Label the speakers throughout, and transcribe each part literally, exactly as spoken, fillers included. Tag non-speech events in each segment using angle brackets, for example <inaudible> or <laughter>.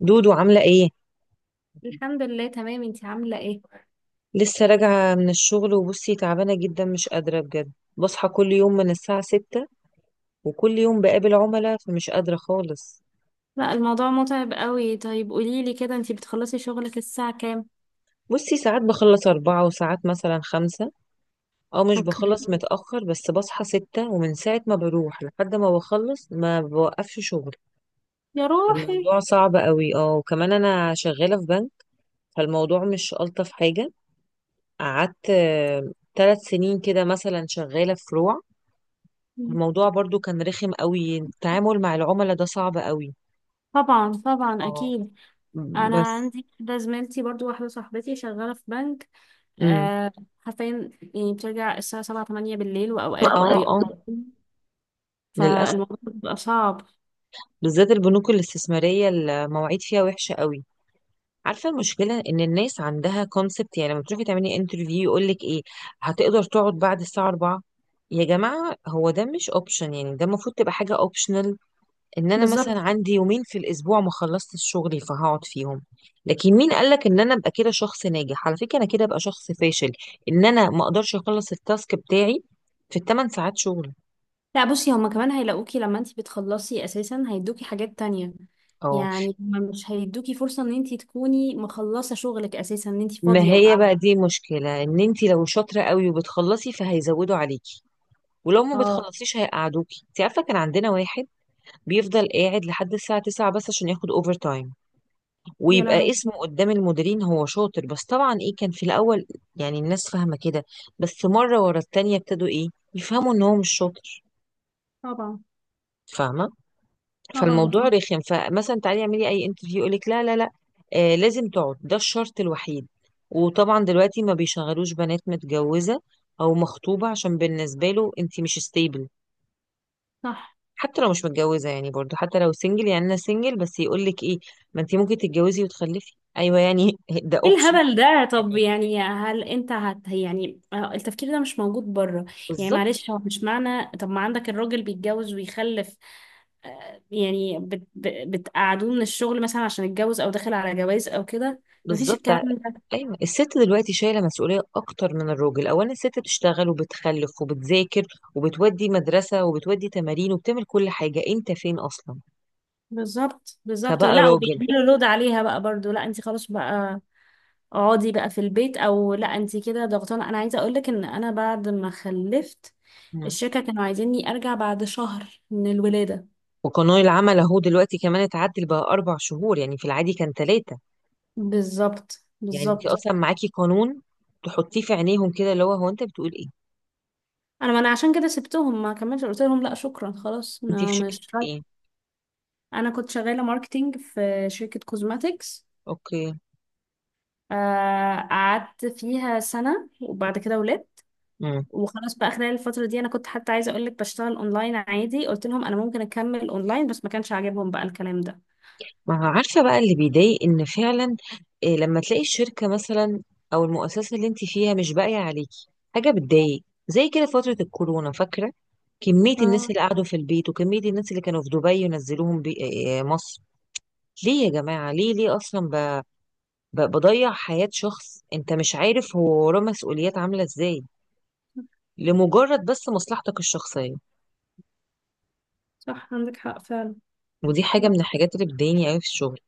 Speaker 1: دودو عاملة ايه؟
Speaker 2: الحمد لله، تمام. انتي عاملة ايه؟
Speaker 1: لسه راجعة من الشغل وبصي تعبانة جدا مش قادرة بجد. بصحى كل يوم من الساعة ستة، وكل يوم بقابل عملاء فمش قادرة خالص.
Speaker 2: لا، الموضوع متعب قوي. طيب قوليلي كده، انتي بتخلصي شغلك الساعة كام؟
Speaker 1: بصي ساعات بخلص أربعة وساعات مثلا خمسة، أو مش
Speaker 2: اوكي.
Speaker 1: بخلص متأخر بس بصحى ستة، ومن ساعة ما بروح لحد ما بخلص ما بوقفش شغل.
Speaker 2: يا روحي.
Speaker 1: الموضوع صعب قوي، اه، وكمان أنا شغالة في بنك، فالموضوع مش ألطف حاجة. قعدت ثلاث سنين كده مثلا شغالة في فروع. الموضوع برضو كان رخم قوي، التعامل مع العملاء ده صعب قوي.
Speaker 2: طبعا طبعا،
Speaker 1: اه.
Speaker 2: اكيد. انا
Speaker 1: بس.
Speaker 2: عندي كده زميلتي، برضو واحدة صاحبتي شغالة في بنك.
Speaker 1: امم.
Speaker 2: آه. حرفيا يعني بترجع الساعة سبعة تمانية بالليل، واوقات
Speaker 1: اه
Speaker 2: بي...
Speaker 1: اه. للاسف
Speaker 2: فالموضوع بيبقى صعب.
Speaker 1: بالذات البنوك الاستثماريه المواعيد فيها وحشه قوي. عارفه المشكله ان الناس عندها كونسبت، يعني لما تروحي تعملي انترفيو يقول لك ايه، هتقدر تقعد بعد الساعه أربعة؟ يا جماعه، هو ده مش اوبشن، يعني ده المفروض تبقى حاجه اوبشنال، ان انا
Speaker 2: بالظبط.
Speaker 1: مثلا عندي يومين في الاسبوع ما خلصتش شغلي فهقعد فيهم. لكن مين قالك ان انا ابقى كده شخص ناجح؟ على فكره انا كده ابقى شخص فاشل، ان انا ما اقدرش اخلص التاسك بتاعي في الثمان ساعات شغل.
Speaker 2: لا بصي، هما كمان هيلاقوكي لما انتي بتخلصي اساسا هيدوكي حاجات تانية.
Speaker 1: اه.
Speaker 2: يعني هما مش هيدوكي فرصة ان انتي تكوني مخلصة شغلك اساسا، ان انتي
Speaker 1: ما
Speaker 2: فاضية
Speaker 1: هي
Speaker 2: وقاعدة.
Speaker 1: بقى دي مشكله، ان انت لو شاطره قوي وبتخلصي فهيزودوا عليكي، ولو ما
Speaker 2: اه.
Speaker 1: بتخلصيش هيقعدوكي. انت عارفه كان عندنا واحد بيفضل قاعد لحد الساعه تسعة بس عشان ياخد اوفر تايم،
Speaker 2: يا
Speaker 1: ويبقى
Speaker 2: لهوي.
Speaker 1: اسمه قدام المديرين هو شاطر. بس طبعا ايه، كان في الاول يعني الناس فاهمه كده، بس مره ورا التانيه ابتدوا ايه، يفهموا ان هو مش شاطر.
Speaker 2: طبعا.
Speaker 1: فاهمه.
Speaker 2: طبعا
Speaker 1: فالموضوع
Speaker 2: صح.
Speaker 1: رخم، فمثلا تعالي اعملي اي انترفيو يقولك لا لا لا، آه لازم تقعد ده الشرط الوحيد. وطبعا دلوقتي ما بيشغلوش بنات متجوزه او مخطوبه، عشان بالنسبه له انت مش ستيبل.
Speaker 2: صح.
Speaker 1: حتى لو مش متجوزه يعني، برضو حتى لو سنجل، يعني انا سنجل بس يقولك ايه، ما انت ممكن تتجوزي وتخلفي. ايوه يعني <laughs> ده
Speaker 2: ايه
Speaker 1: اوبشن.
Speaker 2: الهبل ده؟ طب
Speaker 1: يعني
Speaker 2: يعني، هل انت هت يعني آه، التفكير ده مش موجود بره؟ يعني
Speaker 1: بالظبط
Speaker 2: معلش، هو مش معنى طب ما عندك الراجل بيتجوز ويخلف، آه، يعني بت... بت- بتقعدوه من الشغل مثلا عشان اتجوز او داخل على جواز او كده؟ مفيش
Speaker 1: بالظبط.
Speaker 2: الكلام
Speaker 1: ع-
Speaker 2: ده.
Speaker 1: ايوه، الست دلوقتي شايله مسؤوليه اكتر من الراجل. اولا الست بتشتغل وبتخلف وبتذاكر وبتودي مدرسه وبتودي تمارين وبتعمل كل حاجه، انت فين اصلا
Speaker 2: بالظبط بالظبط.
Speaker 1: كبقى
Speaker 2: لا،
Speaker 1: راجل؟
Speaker 2: وبيعملوا لود عليها بقى برضو. لا انت خلاص بقى اقعدي بقى في البيت. او لا انت كده ضغطانه. انا عايزه اقول لك ان انا بعد ما خلفت،
Speaker 1: مم.
Speaker 2: الشركه كانوا عايزيني ارجع بعد شهر من الولاده.
Speaker 1: وقانون العمل اهو دلوقتي كمان اتعدل بقى اربع شهور، يعني في العادي كان ثلاثه،
Speaker 2: بالظبط
Speaker 1: يعني انت
Speaker 2: بالظبط.
Speaker 1: اصلا معاكي قانون تحطيه في عينيهم كده، اللي هو هو انت بتقول ايه.
Speaker 2: انا، ما انا عشان كده سبتهم ما كملتش. قلت لهم لا شكرا، خلاص
Speaker 1: انت في
Speaker 2: انا
Speaker 1: شركه
Speaker 2: مش
Speaker 1: ايه؟
Speaker 2: رايحة. انا كنت شغاله ماركتينج في شركه كوزماتيكس.
Speaker 1: اوكي.
Speaker 2: قعدت فيها سنه وبعد كده ولدت.
Speaker 1: مم.
Speaker 2: وخلاص بقى، خلال الفترة دي انا كنت حتى عايزة اقول لك بشتغل اونلاين عادي. قلت لهم انا ممكن اكمل اونلاين، بس ما كانش عاجبهم بقى الكلام ده.
Speaker 1: ما هو عارفة بقى اللي بيضايق، ان فعلا إيه لما تلاقي الشركة مثلا او المؤسسة اللي انت فيها مش باقية عليكي، حاجة بتضايق. زي كده فترة الكورونا فاكرة، كمية الناس
Speaker 2: اه.
Speaker 1: اللي قعدوا في البيت، وكمية الناس اللي كانوا في دبي ونزلوهم بي... إيه، مصر. ليه يا جماعة، ليه، ليه اصلا ب... ب... بضيع حياة شخص انت مش عارف هو وراه مسؤوليات عاملة ازاي، لمجرد بس مصلحتك الشخصية.
Speaker 2: صح، عندك حق فعلا.
Speaker 1: ودي حاجة من الحاجات اللي بتضايقني قوي في الشغل.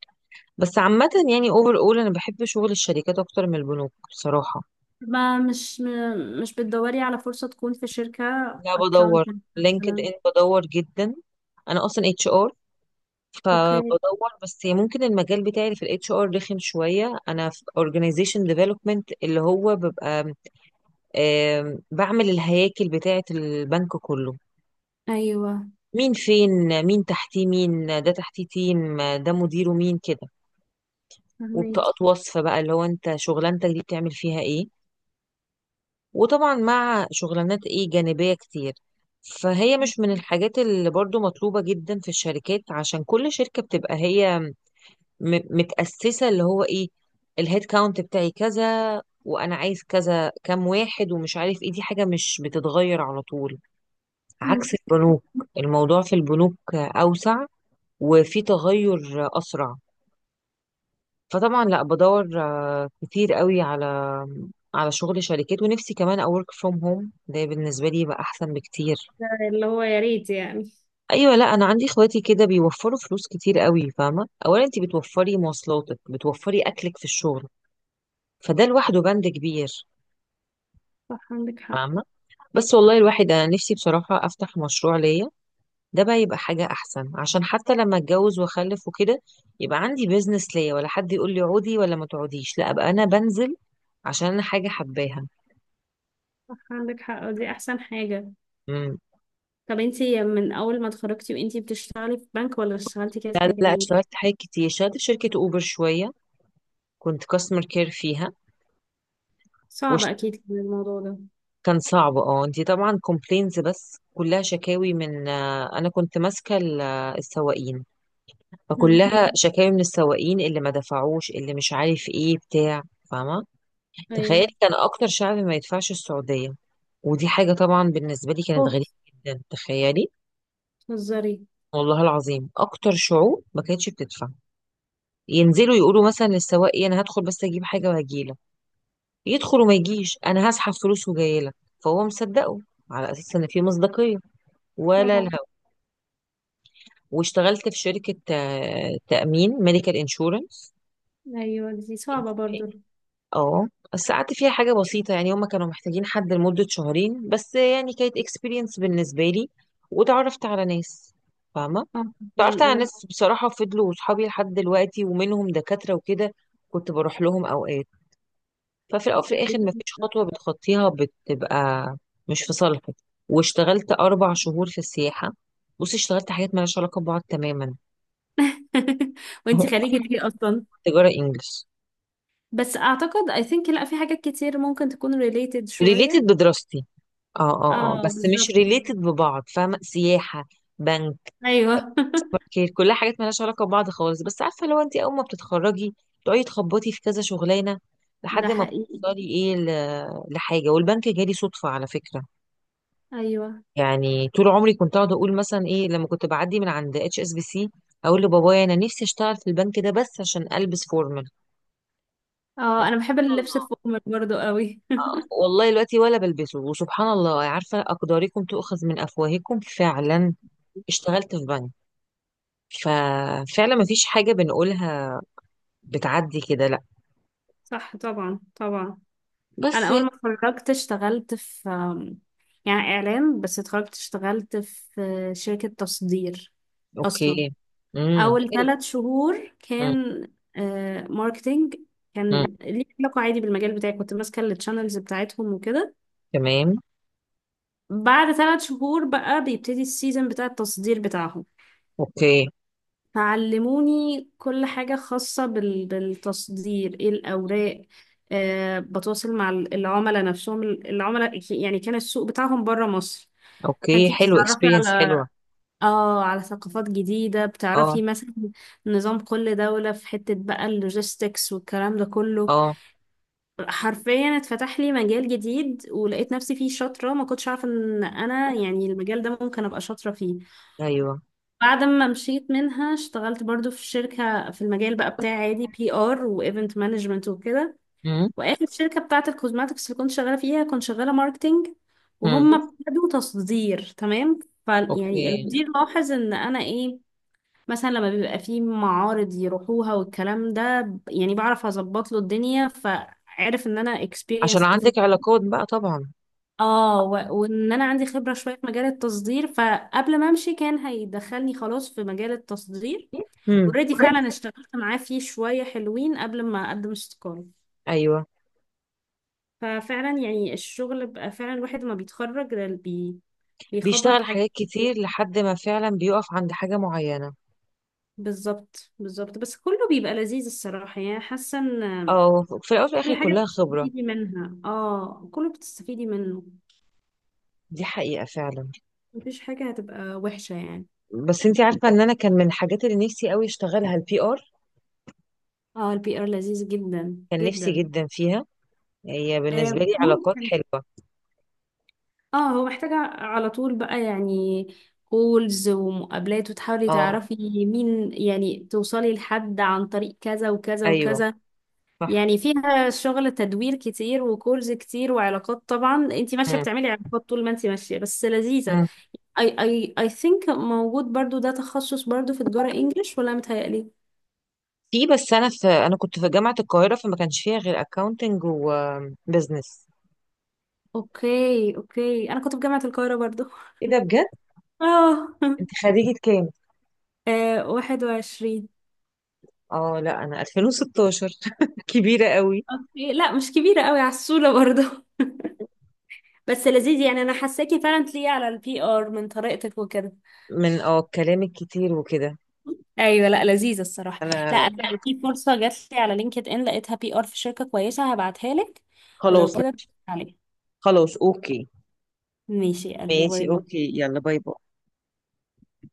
Speaker 1: بس عامة يعني اوفر اول، انا بحب شغل الشركات اكتر من البنوك بصراحة.
Speaker 2: ما مش م- مش بتدوري على فرصة تكون في شركة
Speaker 1: لا بدور.
Speaker 2: اكاونتنت
Speaker 1: لينكد
Speaker 2: مثلا؟
Speaker 1: ان بدور جدا. انا اصلا اتش ار،
Speaker 2: اوكي.
Speaker 1: فبدور، بس ممكن المجال بتاعي اللي في الاتش ار رخم شويه. انا في اورجانيزيشن ديفلوبمنت، اللي هو ببقى آم، بعمل الهياكل بتاعه البنك كله،
Speaker 2: ايوه
Speaker 1: مين فين، مين تحتيه، مين ده تحتيه تيم، ده مديره مين، كده.
Speaker 2: فهميكي.
Speaker 1: وبطاقات وصف بقى، اللي هو انت شغلانتك دي بتعمل فيها ايه، وطبعا مع شغلانات ايه جانبية كتير. فهي مش من الحاجات اللي برضو مطلوبة جدا في الشركات، عشان كل شركة بتبقى هي م- متأسسة، اللي هو ايه، الهيد كاونت بتاعي كذا، وانا عايز كذا كام واحد، ومش عارف ايه، دي حاجة مش بتتغير على طول،
Speaker 2: مم.
Speaker 1: عكس البنوك. الموضوع في البنوك اوسع، وفي تغير اسرع. فطبعا لا بدور آه، كتير قوي على على شغل شركات. ونفسي كمان اورك فروم هوم، ده بالنسبه لي يبقى احسن بكتير.
Speaker 2: اللي هو يا ريت يعني.
Speaker 1: ايوه، لا انا عندي اخواتي كده بيوفروا فلوس كتير قوي. فاهمه، اولا انت بتوفري مواصلاتك، بتوفري اكلك في الشغل، فده لوحده بند كبير.
Speaker 2: صح عندك حق.
Speaker 1: فاهمه. بس والله الواحد، انا نفسي بصراحه افتح مشروع ليا، ده بقى يبقى حاجه احسن، عشان حتى لما اتجوز واخلف وكده يبقى عندي بيزنس ليا، ولا حد يقول لي عودي ولا ما تقعديش، لا ابقى انا بنزل عشان انا حاجه حباها.
Speaker 2: صح عندك حق، ودي احسن حاجة. طب انتي من اول ما اتخرجتي وانتي بتشتغلي في بنك، ولا اشتغلتي كده في
Speaker 1: لا لا
Speaker 2: حاجة
Speaker 1: لا،
Speaker 2: تاني؟
Speaker 1: اشتغلت حاجات كتير. اشتغلت في شركة اوبر شوية، كنت كاستمر كير فيها. وش.
Speaker 2: صعب اكيد كان الموضوع ده.
Speaker 1: كان صعب، اه. انتي طبعا كومبلينز، بس كلها شكاوي من آه، انا كنت ماسكة ال- آه، السواقين،
Speaker 2: مم.
Speaker 1: فكلها شكاوي من السواقين اللي ما دفعوش، اللي مش عارف ايه بتاع. فاهمة.
Speaker 2: ايوه.
Speaker 1: تخيلي كان اكتر شعب ما يدفعش السعودية، ودي حاجة طبعا بالنسبة لي كانت غريبة
Speaker 2: اوف.
Speaker 1: جدا. تخيلي،
Speaker 2: بتهزري؟
Speaker 1: والله العظيم اكتر شعوب ما كانتش بتدفع. ينزلوا يقولوا مثلا للسواق ايه، انا هدخل بس اجيب حاجة وهجيلك، يدخل وما يجيش. انا هسحب فلوس وجاي لك، فهو مصدقه على اساس ان في مصداقيه، ولا
Speaker 2: طبعا.
Speaker 1: لا. واشتغلت في شركه آه، تامين ميديكال انشورنس.
Speaker 2: ايوه دي صعبة برضو.
Speaker 1: اه. بس قعدت فيها حاجه بسيطه، يعني هما كانوا محتاجين حد لمده شهرين بس. يعني كانت اكسبيرينس بالنسبه لي، وتعرفت على ناس. فاهمه،
Speaker 2: اه طبعا
Speaker 1: تعرفت على
Speaker 2: اه.
Speaker 1: ناس بصراحه فضلوا صحابي لحد دلوقتي، ومنهم دكاتره وكده، كنت بروح لهم اوقات. ففي الأول وفي الآخر
Speaker 2: <laughs>
Speaker 1: مفيش خطوة بتخطيها بتبقى مش في صالحك. واشتغلت أربع شهور في السياحة. بصي اشتغلت حاجات مالهاش علاقة ببعض تماما.
Speaker 2: وانتي خريجة ايه
Speaker 1: <laughs>
Speaker 2: اصلا؟
Speaker 1: تجارة إنجلش.
Speaker 2: بس اعتقد I think، لا في حاجات كتير ممكن تكون related
Speaker 1: ريليتد
Speaker 2: شوية.
Speaker 1: بدراستي. اه اه. اه
Speaker 2: اه
Speaker 1: بس مش
Speaker 2: بالظبط.
Speaker 1: ريليتد ببعض، فاهمة، سياحة، بنك،
Speaker 2: ايوه.
Speaker 1: كي- كلها حاجات مالهاش علاقة ببعض خالص. بس عارفة، لو انت أول ما بتتخرجي تقعدي تخبطي في كذا شغلانة
Speaker 2: <laughs> ده
Speaker 1: لحد ما
Speaker 2: حقيقي.
Speaker 1: بتوصلي ايه ل- لحاجة. والبنك جالي صدفة على فكرة،
Speaker 2: ايوه.
Speaker 1: يعني طول عمري كنت اقعد اقول مثلا ايه، لما كنت بعدي من عند اتش اس بي سي اقول لبابايا انا نفسي اشتغل في البنك ده بس عشان البس فورمال.
Speaker 2: اه، انا بحب
Speaker 1: سبحان
Speaker 2: اللبس
Speaker 1: الله،
Speaker 2: الفورمال برضو قوي. <laughs>
Speaker 1: والله دلوقتي ولا بلبسه. وسبحان الله، عارفه اقداركم تؤخذ من افواهكم، فعلا اشتغلت في بنك. ففعلا ما فيش حاجه بنقولها بتعدي كده، لا.
Speaker 2: صح طبعا طبعا.
Speaker 1: بس
Speaker 2: انا اول
Speaker 1: يعني،
Speaker 2: ما اتخرجت اشتغلت في آم، يعني اعلام. بس اتخرجت اشتغلت في شركة تصدير اصلا.
Speaker 1: اوكي. امم،
Speaker 2: اول
Speaker 1: حلو.
Speaker 2: ثلاث شهور
Speaker 1: امم.
Speaker 2: كان آه ماركتينج.
Speaker 1: امم.
Speaker 2: كان ليه علاقة عادي بالمجال بتاعي، كنت ماسكة التشانلز بتاعتهم وكده.
Speaker 1: تمام.
Speaker 2: بعد ثلاث شهور بقى بيبتدي السيزون بتاع التصدير بتاعهم.
Speaker 1: اوكي.
Speaker 2: فعلموني كل حاجة خاصة بال... بالتصدير ايه الأوراق، آه بتواصل مع ال- العملاء نفسهم. العملاء يعني كان السوق بتاعهم بره مصر.
Speaker 1: اوكي،
Speaker 2: فانتي
Speaker 1: حلو،
Speaker 2: بتتعرفي
Speaker 1: اكسبيرينس
Speaker 2: على،
Speaker 1: حلوه.
Speaker 2: اه على ثقافات جديدة.
Speaker 1: اه
Speaker 2: بتعرفي مثلا نظام كل دولة في حتة بقى، اللوجيستكس والكلام ده كله.
Speaker 1: اه.
Speaker 2: حرفيا اتفتح لي مجال جديد، ولقيت نفسي فيه شاطرة. ما كنتش عارفة ان انا يعني المجال ده ممكن ابقى شاطرة فيه.
Speaker 1: ايوه.
Speaker 2: بعد ما مشيت منها اشتغلت برضو في شركة في المجال بقى بتاعي عادي، بي ار وايفنت مانجمنت وكده.
Speaker 1: امم.
Speaker 2: واخر شركة بتاعة الكوزماتكس اللي كنت شغالة فيها كنت شغالة ماركتينج.
Speaker 1: امم.
Speaker 2: وهم ابتدوا تصدير، تمام. ف يعني
Speaker 1: اوكي.
Speaker 2: المدير لاحظ ان انا ايه، مثلا لما بيبقى فيه معارض يروحوها والكلام ده، ب- يعني بعرف اظبط له الدنيا. فعرف ان انا
Speaker 1: عشان
Speaker 2: experienced في،
Speaker 1: عندك علاقات بقى، طبعا.
Speaker 2: اه و- وان انا عندي خبرة شوية في مجال التصدير. فقبل ما امشي كان هيدخلني خلاص في مجال التصدير.
Speaker 1: امم،
Speaker 2: اوريدي،
Speaker 1: اوريدي.
Speaker 2: فعلا اشتغلت معاه فيه شوية حلوين قبل ما اقدم استقالة.
Speaker 1: ايوه،
Speaker 2: ففعلا يعني الشغل، بقى فعلا الواحد ما بيتخرج ده بي بيخبط في
Speaker 1: بيشتغل
Speaker 2: حاجات.
Speaker 1: حاجات كتير لحد ما فعلا بيقف عند حاجه معينه،
Speaker 2: بالظبط بالظبط. بس كله بيبقى لذيذ الصراحة، يعني حاسة
Speaker 1: او في الاول وفي الاخر
Speaker 2: كل حاجة
Speaker 1: كلها خبره.
Speaker 2: بتستفيدي منها. اه كله بتستفيدي منه.
Speaker 1: دي حقيقه فعلا.
Speaker 2: مفيش حاجة هتبقى وحشة يعني.
Speaker 1: بس انت عارفه، ان انا كان من الحاجات اللي نفسي قوي اشتغلها البي ار،
Speaker 2: اه البي ار لذيذ جدا
Speaker 1: كان نفسي
Speaker 2: جدا.
Speaker 1: جدا فيها، هي بالنسبه
Speaker 2: آه،
Speaker 1: لي علاقات
Speaker 2: ممكن.
Speaker 1: حلوه.
Speaker 2: اه هو محتاجة على طول بقى، يعني كولز ومقابلات وتحاولي
Speaker 1: اه.
Speaker 2: تعرفي مين، يعني توصلي لحد عن طريق كذا وكذا
Speaker 1: ايوه
Speaker 2: وكذا.
Speaker 1: صح.
Speaker 2: يعني فيها شغل تدوير كتير وكولز كتير وعلاقات. طبعا انتي ماشية
Speaker 1: مم.
Speaker 2: بتعملي علاقات طول ما انتي ماشية، بس لذيذة.
Speaker 1: مم.
Speaker 2: اي اي اي ثينك موجود برضو ده تخصص برضو في تجارة انجليش، ولا متهيألي؟
Speaker 1: في. بس انا في انا كنت في جامعه القاهره، فما كانش فيها غير اكاونتنج وبزنس.
Speaker 2: اوكي اوكي، انا كنت في جامعة القاهرة برضو.
Speaker 1: ايه ده، بجد؟
Speaker 2: اه.
Speaker 1: انت
Speaker 2: <laughs>
Speaker 1: خريجه كام؟
Speaker 2: آه، واحد وعشرين.
Speaker 1: اه لا انا ألفين وستاشر <laughs> كبيرة قوي.
Speaker 2: اوكي، لا مش كبيرة قوي على الصولة برضو. <laughs> بس لذيذ يعني، انا حاساكي فعلا تليقي على البي ار من طريقتك وكده.
Speaker 1: من اه الكلام الكتير وكده.
Speaker 2: ايوه، لا لذيذة الصراحة. لا
Speaker 1: انا.
Speaker 2: انا لو في فرصة جات لي على لينكد ان لقيتها بي ار في شركة كويسة هبعتها لك. ولو
Speaker 1: خلاص
Speaker 2: كده عليك.
Speaker 1: خلاص اوكي.
Speaker 2: ماشي يا قلبي، باي
Speaker 1: ماشي،
Speaker 2: باي
Speaker 1: اوكي، يلا باي باي.